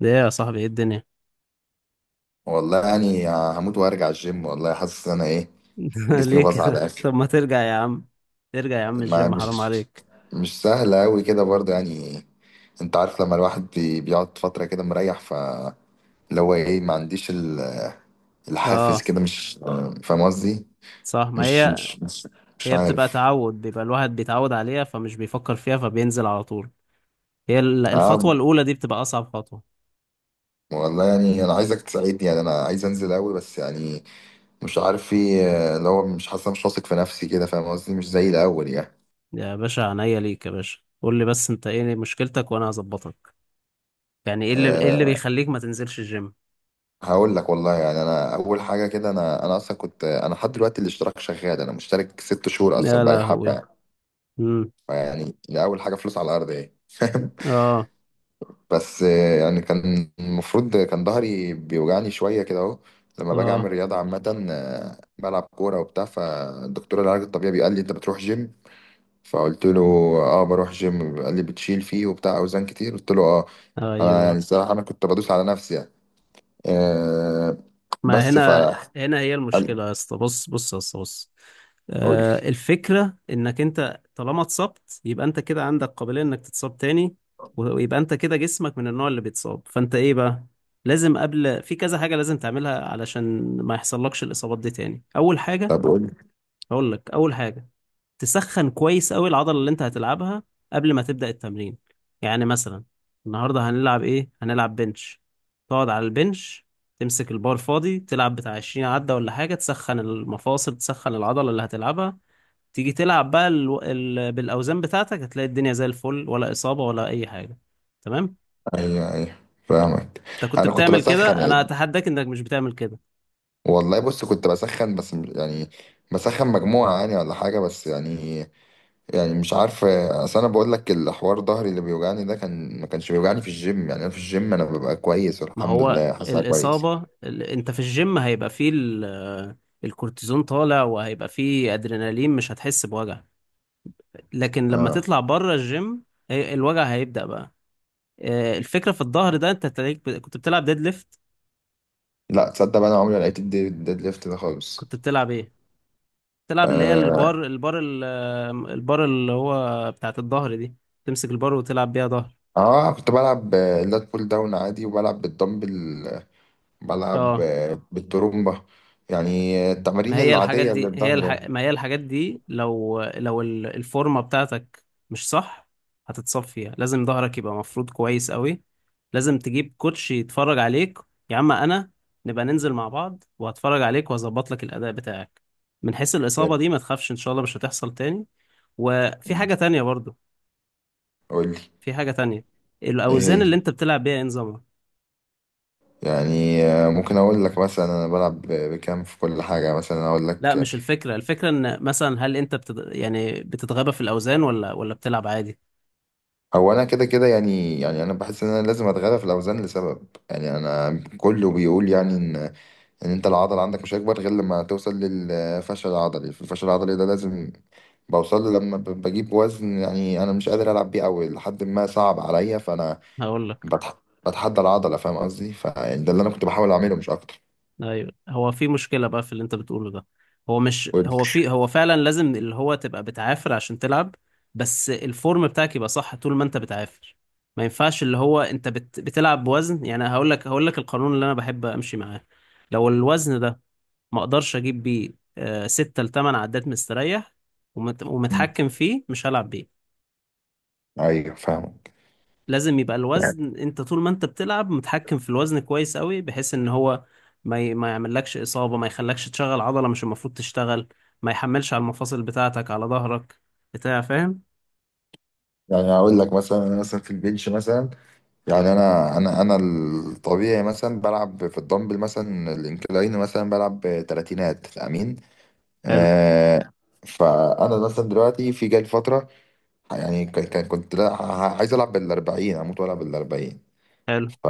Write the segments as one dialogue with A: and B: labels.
A: ده ايه يا صاحبي؟ ايه الدنيا؟
B: والله يعني هموت وارجع الجيم، والله حاسس ان انا ايه، جسمي
A: ليه
B: باظ على
A: كده؟
B: الاخر.
A: طب ما ترجع يا عم، ترجع يا عم
B: ما
A: الجيم، حرام
B: مش
A: عليك.
B: مش سهل قوي كده برضه يعني. انت عارف لما الواحد بيقعد فترة كده مريح، ف اللي هو ايه، ما عنديش الحافز
A: اه،
B: كده، مش فاهم قصدي.
A: صح. ما
B: مش
A: هي
B: مش مش مش
A: هي بتبقى
B: عارف.
A: تعود، بيبقى الواحد بيتعود عليها فمش بيفكر فيها فبينزل على طول. الخطوة
B: اه
A: الأولى دي بتبقى أصعب خطوة.
B: والله يعني انا عايزك تساعدني، يعني انا عايز انزل قوي بس يعني مش عارف، في اللي هو مش حاسس، مش واثق في نفسي كده، فاهم قصدي؟ مش زي الاول يعني.
A: يا باشا، عينيا ليك يا باشا، قول لي بس انت ايه مشكلتك وانا هظبطك. يعني ايه اللي
B: آه،
A: بيخليك ما تنزلش الجيم؟
B: هقول لك والله، يعني انا اول حاجه كده، انا اصلا كنت، انا لحد دلوقتي الاشتراك شغال، انا مشترك 6 شهور
A: يا
B: اصلا، بقالي حبه
A: لهوي.
B: يعني.
A: امم
B: فيعني دي اول حاجه، فلوس على الارض ايه.
A: اه،
B: بس آه، يعني كان المفروض، كان ظهري بيوجعني شويه كده اهو لما باجي اعمل
A: اه،
B: رياضه عامه، آه، بلعب كوره وبتاع. فالدكتور العلاج الطبيعي قال لي انت بتروح جيم؟ فقلت له اه بروح جيم. قال لي بتشيل فيه وبتاع اوزان كتير؟ قلت له اه. انا يعني
A: ايوه.
B: الصراحه انا كنت بدوس على نفسي يعني. آه،
A: ما
B: بس ف
A: هنا هنا هي
B: قال-
A: المشكلة يا اسطى. بص بص يا اسطى، بص.
B: قول لي.
A: الفكرة انك انت طالما اتصبت يبقى انت كده عندك قابلية انك تتصاب تاني. ويبقى انت كده جسمك من النوع اللي بيتصاب، فانت ايه بقى؟ لازم قبل في كذا حاجة لازم تعملها علشان ما يحصلكش الإصابات دي تاني. أول حاجة،
B: طب قول لي.
A: هقول لك أول حاجة، تسخن كويس قوي العضلة اللي انت هتلعبها قبل ما تبدأ التمرين. يعني مثلا النهاردة هنلعب ايه؟ هنلعب بنش. تقعد على البنش، تمسك البار فاضي تلعب بتاع 20 عدة ولا حاجة، تسخن المفاصل، تسخن العضلة اللي هتلعبها. تيجي تلعب بقى بالأوزان بتاعتك هتلاقي الدنيا زي الفل، ولا إصابة ولا أي حاجة. تمام؟
B: ايوه ايوه فاهمك.
A: انت كنت
B: انا كنت
A: بتعمل
B: بسخن
A: كده؟ انا
B: يعني،
A: اتحداك انك مش بتعمل كده.
B: والله بص كنت بسخن بس يعني بسخن مجموعة يعني ولا حاجة بس يعني. يعني مش عارف، اصل انا بقول لك الحوار، ظهري اللي بيوجعني ده كان ما كانش بيوجعني في الجيم يعني، انا في الجيم انا ببقى كويس
A: ما
B: والحمد
A: هو
B: لله، حاسسها كويس.
A: الإصابة أنت في الجيم هيبقى فيه الكورتيزون طالع، وهيبقى فيه أدرينالين، مش هتحس بوجع. لكن لما
B: اه
A: تطلع بره الجيم الوجع هيبدأ بقى. الفكرة في الظهر ده، أنت تلاقيك كنت بتلعب ديد ليفت.
B: لا تصدق بقى، انا عمري ما لقيت الديد ليفت ده خالص.
A: كنت بتلعب إيه؟ بتلعب اللي هي
B: اه،
A: البار اللي هو بتاعت الظهر دي، تمسك البار وتلعب بيها ظهر.
B: آه كنت بلعب آه، اللات بول داون عادي، وبلعب بالدمبل، بلعب
A: اه.
B: آه، بالترومبة، يعني
A: ما
B: التمارين
A: هي الحاجات
B: العادية اللي
A: دي هي
B: بتظهر
A: الح...
B: يعني.
A: ما هي الحاجات دي لو الفورمة بتاعتك مش صح، هتتصفيها. لازم ظهرك يبقى مفروض كويس قوي. لازم تجيب كوتش يتفرج عليك. يا عم انا، نبقى ننزل مع بعض وهتفرج عليك وهظبط لك الأداء بتاعك. من حيث الإصابة
B: يلا.
A: دي ما تخافش، إن شاء الله مش هتحصل تاني. وفي
B: مم.
A: حاجة تانية برضو،
B: قول لي.
A: في حاجة تانية،
B: ايه
A: الأوزان
B: هي.
A: اللي أنت بتلعب بيها إيه نظامها؟
B: يعني آه، ممكن اقول لك مثلا انا بلعب بكام في كل حاجه، مثلا اقول
A: لا
B: لك.
A: مش الفكرة، الفكرة إن مثلا هل أنت يعني بتتغابى في الأوزان، ولا بتلعب عادي؟
B: هو انا كده كده يعني، يعني انا بحس ان انا لازم اتغلب في الاوزان لسبب، يعني انا كله بيقول يعني ان ان انت العضل عندك مش هيكبر غير لما توصل للفشل العضلي، في الفشل العضلي ده لازم بوصل له لما بجيب وزن يعني انا مش قادر العب بيه، او لحد ما صعب عليا، فانا
A: هقول لك،
B: بتحدى العضله فاهم قصدي، فده اللي انا كنت بحاول اعمله مش اكتر.
A: ايوه هو في مشكله بقى في اللي انت بتقوله ده. هو مش،
B: قول
A: هو في، هو فعلا لازم اللي هو تبقى بتعافر عشان تلعب، بس الفورم بتاعك يبقى صح طول ما انت بتعافر. ما ينفعش اللي هو انت بتلعب بوزن، يعني هقول لك، هقول لك القانون اللي انا بحب امشي معاه. لو الوزن ده ما اقدرش اجيب بيه ستة لتمن عدات مستريح
B: لي.
A: ومتحكم فيه، مش هلعب بيه.
B: ايوه فاهم.
A: لازم يبقى
B: يعني
A: الوزن انت طول ما انت بتلعب متحكم في الوزن كويس قوي، بحيث ان هو ما يعملكش اصابه، ما يخلكش تشغل عضله مش المفروض تشتغل، ما يحملش على المفاصل بتاعتك على ظهرك بتاع. فاهم؟
B: يعني اقول لك مثلا انا مثلا في البنش مثلا، يعني انا انا الطبيعي مثلا بلعب في الدمبل، مثلا الانكلاين، مثلا بلعب تلاتينات امين.
A: حلو.
B: آه. فانا مثلا دلوقتي في جاي فتره، يعني كنت لا عايز العب بالاربعين، اموت والعب بالاربعين.
A: حلو.
B: ف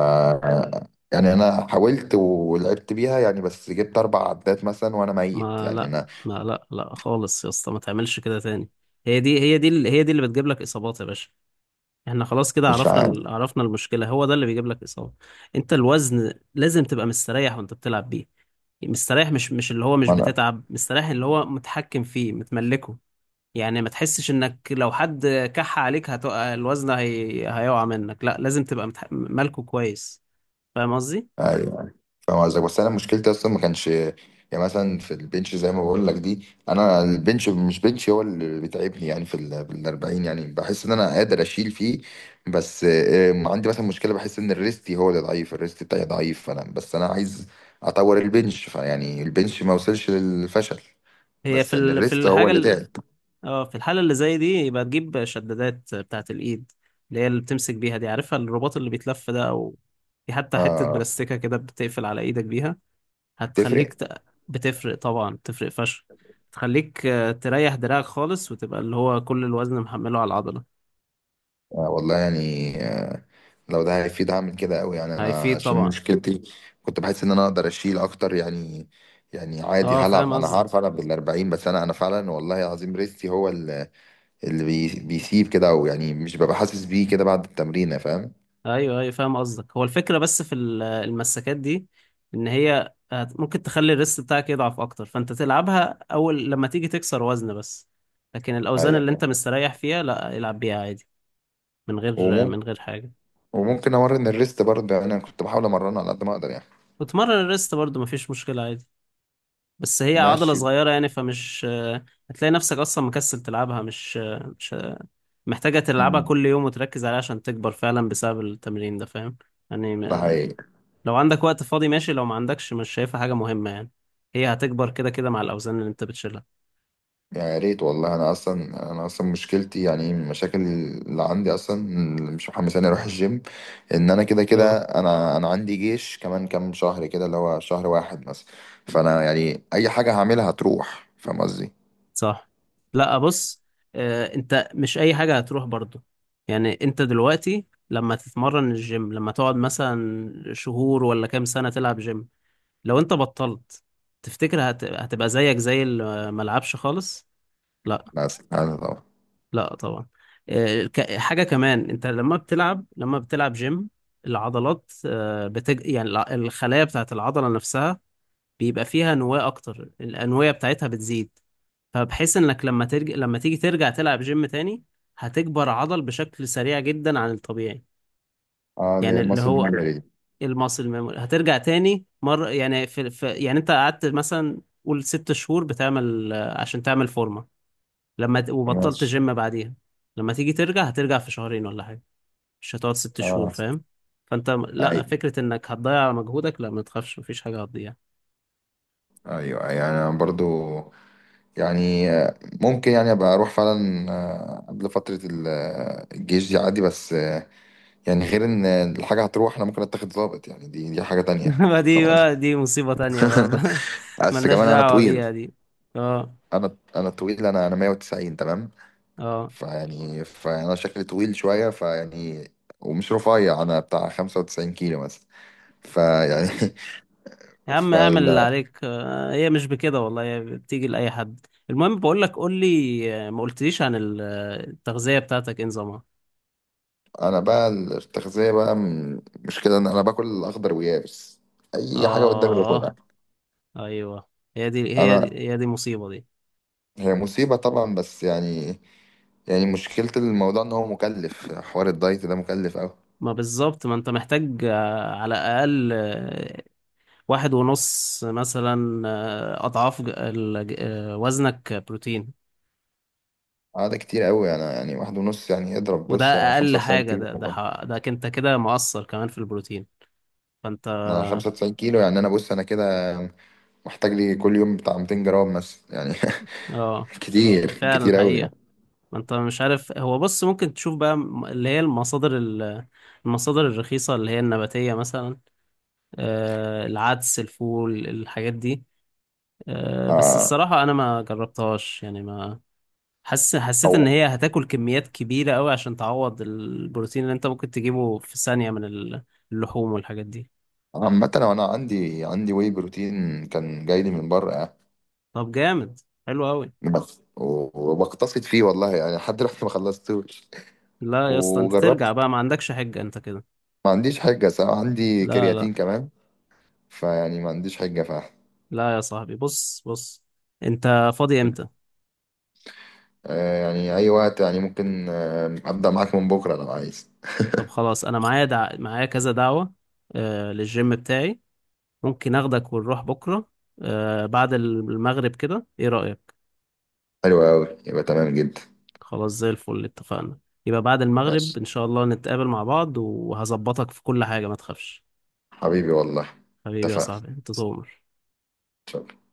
B: يعني انا حاولت ولعبت بيها يعني، بس جبت 4 عدات مثلا وانا ميت
A: ما
B: يعني،
A: لا،
B: انا
A: ما لا، لا خالص يا اسطى، ما تعملش كده تاني. هي دي اللي بتجيب لك اصابات يا باشا. احنا خلاص كده
B: مش
A: عرفنا
B: عارف.
A: عرفنا المشكله، هو ده اللي بيجيب لك اصابه. انت الوزن لازم تبقى مستريح وانت بتلعب بيه. مستريح، مش اللي هو مش
B: ما
A: بتتعب. مستريح اللي هو متحكم فيه، متملكه. يعني ما تحسش انك لو حد كح عليك هتقع الوزن هيقع منك. لا، لازم تبقى مالكه كويس. فاهم قصدي؟
B: انا فاهم قصدك، بس انا مشكلتي اصلا ما كانش، يعني مثلا في البنش زي ما بقول لك دي، انا البنش مش بنش هو اللي بيتعبني يعني، في ال في ال 40 يعني بحس ان انا قادر اشيل فيه. بس آه، عندي مثلا مشكله، بحس ان الريستي هو اللي ضعيف، الريست بتاعي ضعيف، فانا بس انا عايز اطور البنش، فيعني البنش ما وصلش للفشل،
A: هي
B: بس
A: في
B: يعني
A: ال... في
B: الريست هو
A: الحاجة
B: اللي
A: ال...
B: تعب.
A: اه، في الحالة اللي زي دي يبقى تجيب شدادات بتاعة الايد، اللي هي اللي بتمسك بيها دي، عارفها الرباط اللي بيتلف ده، او في حتى حتة
B: اه
A: بلاستيكة كده بتقفل على ايدك بيها.
B: تفرق.
A: هتخليك بتفرق طبعا، بتفرق فشخ. تخليك تريح دراعك خالص، وتبقى اللي هو كل الوزن محمله على العضلة.
B: آه والله يعني آه، لو ده هيفيد هعمل كده قوي يعني. انا
A: هيفيد
B: عشان
A: طبعا.
B: مشكلتي، كنت بحس ان انا اقدر اشيل اكتر يعني، يعني عادي
A: اه
B: هلعب،
A: فاهم
B: انا هعرف
A: قصدك.
B: العب بال 40، بس انا فعلا والله العظيم ريستي هو اللي، اللي بيسيب كده، او يعني مش ببقى حاسس بيه كده بعد التمرين فاهم؟
A: ايوه، ايوه فاهم قصدك. هو الفكرة بس في المساكات دي، ان هي ممكن تخلي الريست بتاعك يضعف اكتر، فانت تلعبها اول لما تيجي تكسر وزن بس، لكن الاوزان
B: ايوه
A: اللي انت
B: فاهم.
A: مستريح فيها لا، العب بيها عادي من غير،
B: وممكن
A: من غير حاجة.
B: وممكن امرن الريست برضه، يعني انا كنت بحاول امرنه على قد ما اقدر يعني.
A: وتمرن الريست برضو مفيش مشكلة، عادي، بس هي عضلة
B: ماشي.
A: صغيرة يعني، فمش هتلاقي نفسك أصلا مكسل تلعبها، مش مش محتاجة تلعبها
B: أمم،
A: كل يوم وتركز عليها عشان تكبر فعلا بسبب التمرين ده. فاهم؟ يعني
B: ده
A: ما-
B: حقيقي.
A: لو عندك وقت فاضي ماشي، لو ما عندكش مش شايفها حاجة مهمة يعني، هي هتكبر كده كده مع الأوزان اللي أنت بتشيلها.
B: يا ريت والله، انا اصلا انا اصلا مشكلتي، يعني من المشاكل اللي عندي اصلا اللي مش محمساني اروح الجيم، ان انا كده كده،
A: اه.
B: انا عندي جيش كمان كام شهر كده، اللي هو شهر واحد مثلا. فانا يعني اي حاجه هعملها هتروح فاهم قصدي.
A: صح. لا، بص، انت مش اي حاجة هتروح برضو. يعني انت دلوقتي لما تتمرن الجيم، لما تقعد مثلا شهور ولا كام سنة تلعب جيم، لو انت بطلت تفتكر هتبقى زيك زي اللي ما لعبش خالص؟ لا.
B: بس انا طبعا.
A: لا طبعا. حاجة كمان، انت لما بتلعب، لما بتلعب جيم العضلات، الخلايا بتاعت العضلة نفسها بيبقى فيها نواة اكتر، الأنوية بتاعتها بتزيد، فبحيث انك لما لما تيجي ترجع تلعب جيم تاني هتكبر عضل بشكل سريع جدا عن الطبيعي.
B: اه
A: يعني اللي
B: لمصر
A: هو
B: المغربي دي.
A: المصل memory هترجع تاني مرة. يعني في يعني انت قعدت مثلا قول ست شهور بتعمل، عشان تعمل فورمة، لما وبطلت
B: ماشي.
A: جيم بعديها، لما تيجي ترجع هترجع في شهرين ولا حاجة، مش هتقعد ست شهور.
B: اه
A: فاهم؟ فانت لا،
B: ايوه
A: فكرة انك هتضيع مجهودك لا، ما تخافش مفيش حاجة هتضيع.
B: ايوه، يعني انا برضو يعني آه، ممكن يعني ابقى اروح فعلا آه، قبل فتره آه، الجيش دي عادي، بس يعني غير ان الحاجه هتروح، انا ممكن اتاخد ظابط يعني، دي حاجه تانية
A: ما
B: فاهم
A: دي
B: قصدي.
A: بقى، دي مصيبة تانية بقى.
B: بس
A: ملناش
B: كمان انا
A: دعوة
B: طويل،
A: بيها دي. اه.
B: انا طويل، انا 190 تمام.
A: اه.
B: فيعني فانا شكلي طويل شويه فيعني، ومش رفيع، انا بتاع 95 كيلو مثلا، فيعني
A: يا عم اعمل اللي
B: فلا.
A: عليك، هي مش بكده والله، هي بتيجي لأي حد. المهم بقول لك، قول لي، ما قلتليش عن التغذية بتاعتك ايه نظامها؟
B: انا بقى التغذيه بقى مشكله، ان انا باكل اخضر ويابس، اي حاجه قدامي باكلها.
A: اه. ايوه. هي دي هي
B: انا،
A: دي هي دي مصيبة دي.
B: هي مصيبه طبعا بس يعني، يعني مشكله الموضوع ان هو مكلف، حوار الدايت ده مكلف قوي.
A: ما بالظبط، ما انت محتاج على الأقل واحد ونص مثلا أضعاف وزنك بروتين.
B: اه ده كتير قوي، انا يعني واحد ونص، يعني اضرب،
A: وده
B: بص انا
A: أقل
B: 95
A: حاجة،
B: كيلو
A: ده ده
B: والله.
A: ح- ده انت كده مقصر كمان في البروتين. فانت
B: انا 95 كيلو يعني، انا بص انا كده محتاج لي كل يوم بتاع 200 جرام مثلا يعني.
A: اه،
B: كتير
A: فعلا
B: كتير قوي يعني.
A: حقيقة. ما انت مش عارف. هو بص، ممكن تشوف بقى اللي هي المصادر المصادر الرخيصة اللي هي النباتية مثلا، العدس الفول الحاجات دي. بس
B: آه
A: الصراحة أنا ما جربتهاش يعني. ما حس حسيت إن
B: او.
A: هي هتاكل كميات كبيرة أوي عشان تعوض البروتين اللي أنت ممكن تجيبه في ثانية من اللحوم والحاجات دي.
B: عامة أنا أنا عندي عندي واي بروتين كان جاي لي من بره يعني،
A: طب جامد، حلو أوي.
B: بس وبقتصد فيه والله يعني، لحد دلوقتي ما خلصتوش.
A: لا يا اسطى، أنت ترجع بقى،
B: وجربت.
A: ما عندكش حجة أنت كده.
B: ما عنديش حجة صراحة، عندي
A: لا، لا.
B: كرياتين كمان فيعني، ما عنديش حجة فعلا.
A: لا يا صاحبي، بص، بص. أنت فاضي إمتى؟
B: آه، يعني أي وقت، يعني ممكن آه، أبدأ معاك من بكرة لو عايز.
A: طب خلاص، انا معايا معايا كذا دعوة، للجيم بتاعي. ممكن اخدك ونروح بكرة بعد المغرب كده. ايه رأيك؟
B: حلو أوي يبقى تمام جدا.
A: خلاص زي الفل، اتفقنا. يبقى بعد المغرب
B: ماشي.
A: ان شاء الله نتقابل مع بعض وهظبطك في كل حاجة، ما تخافش.
B: حبيبي والله.
A: حبيبي يا
B: اتفقنا.
A: صاحبي، انت تؤمر.
B: شكراً.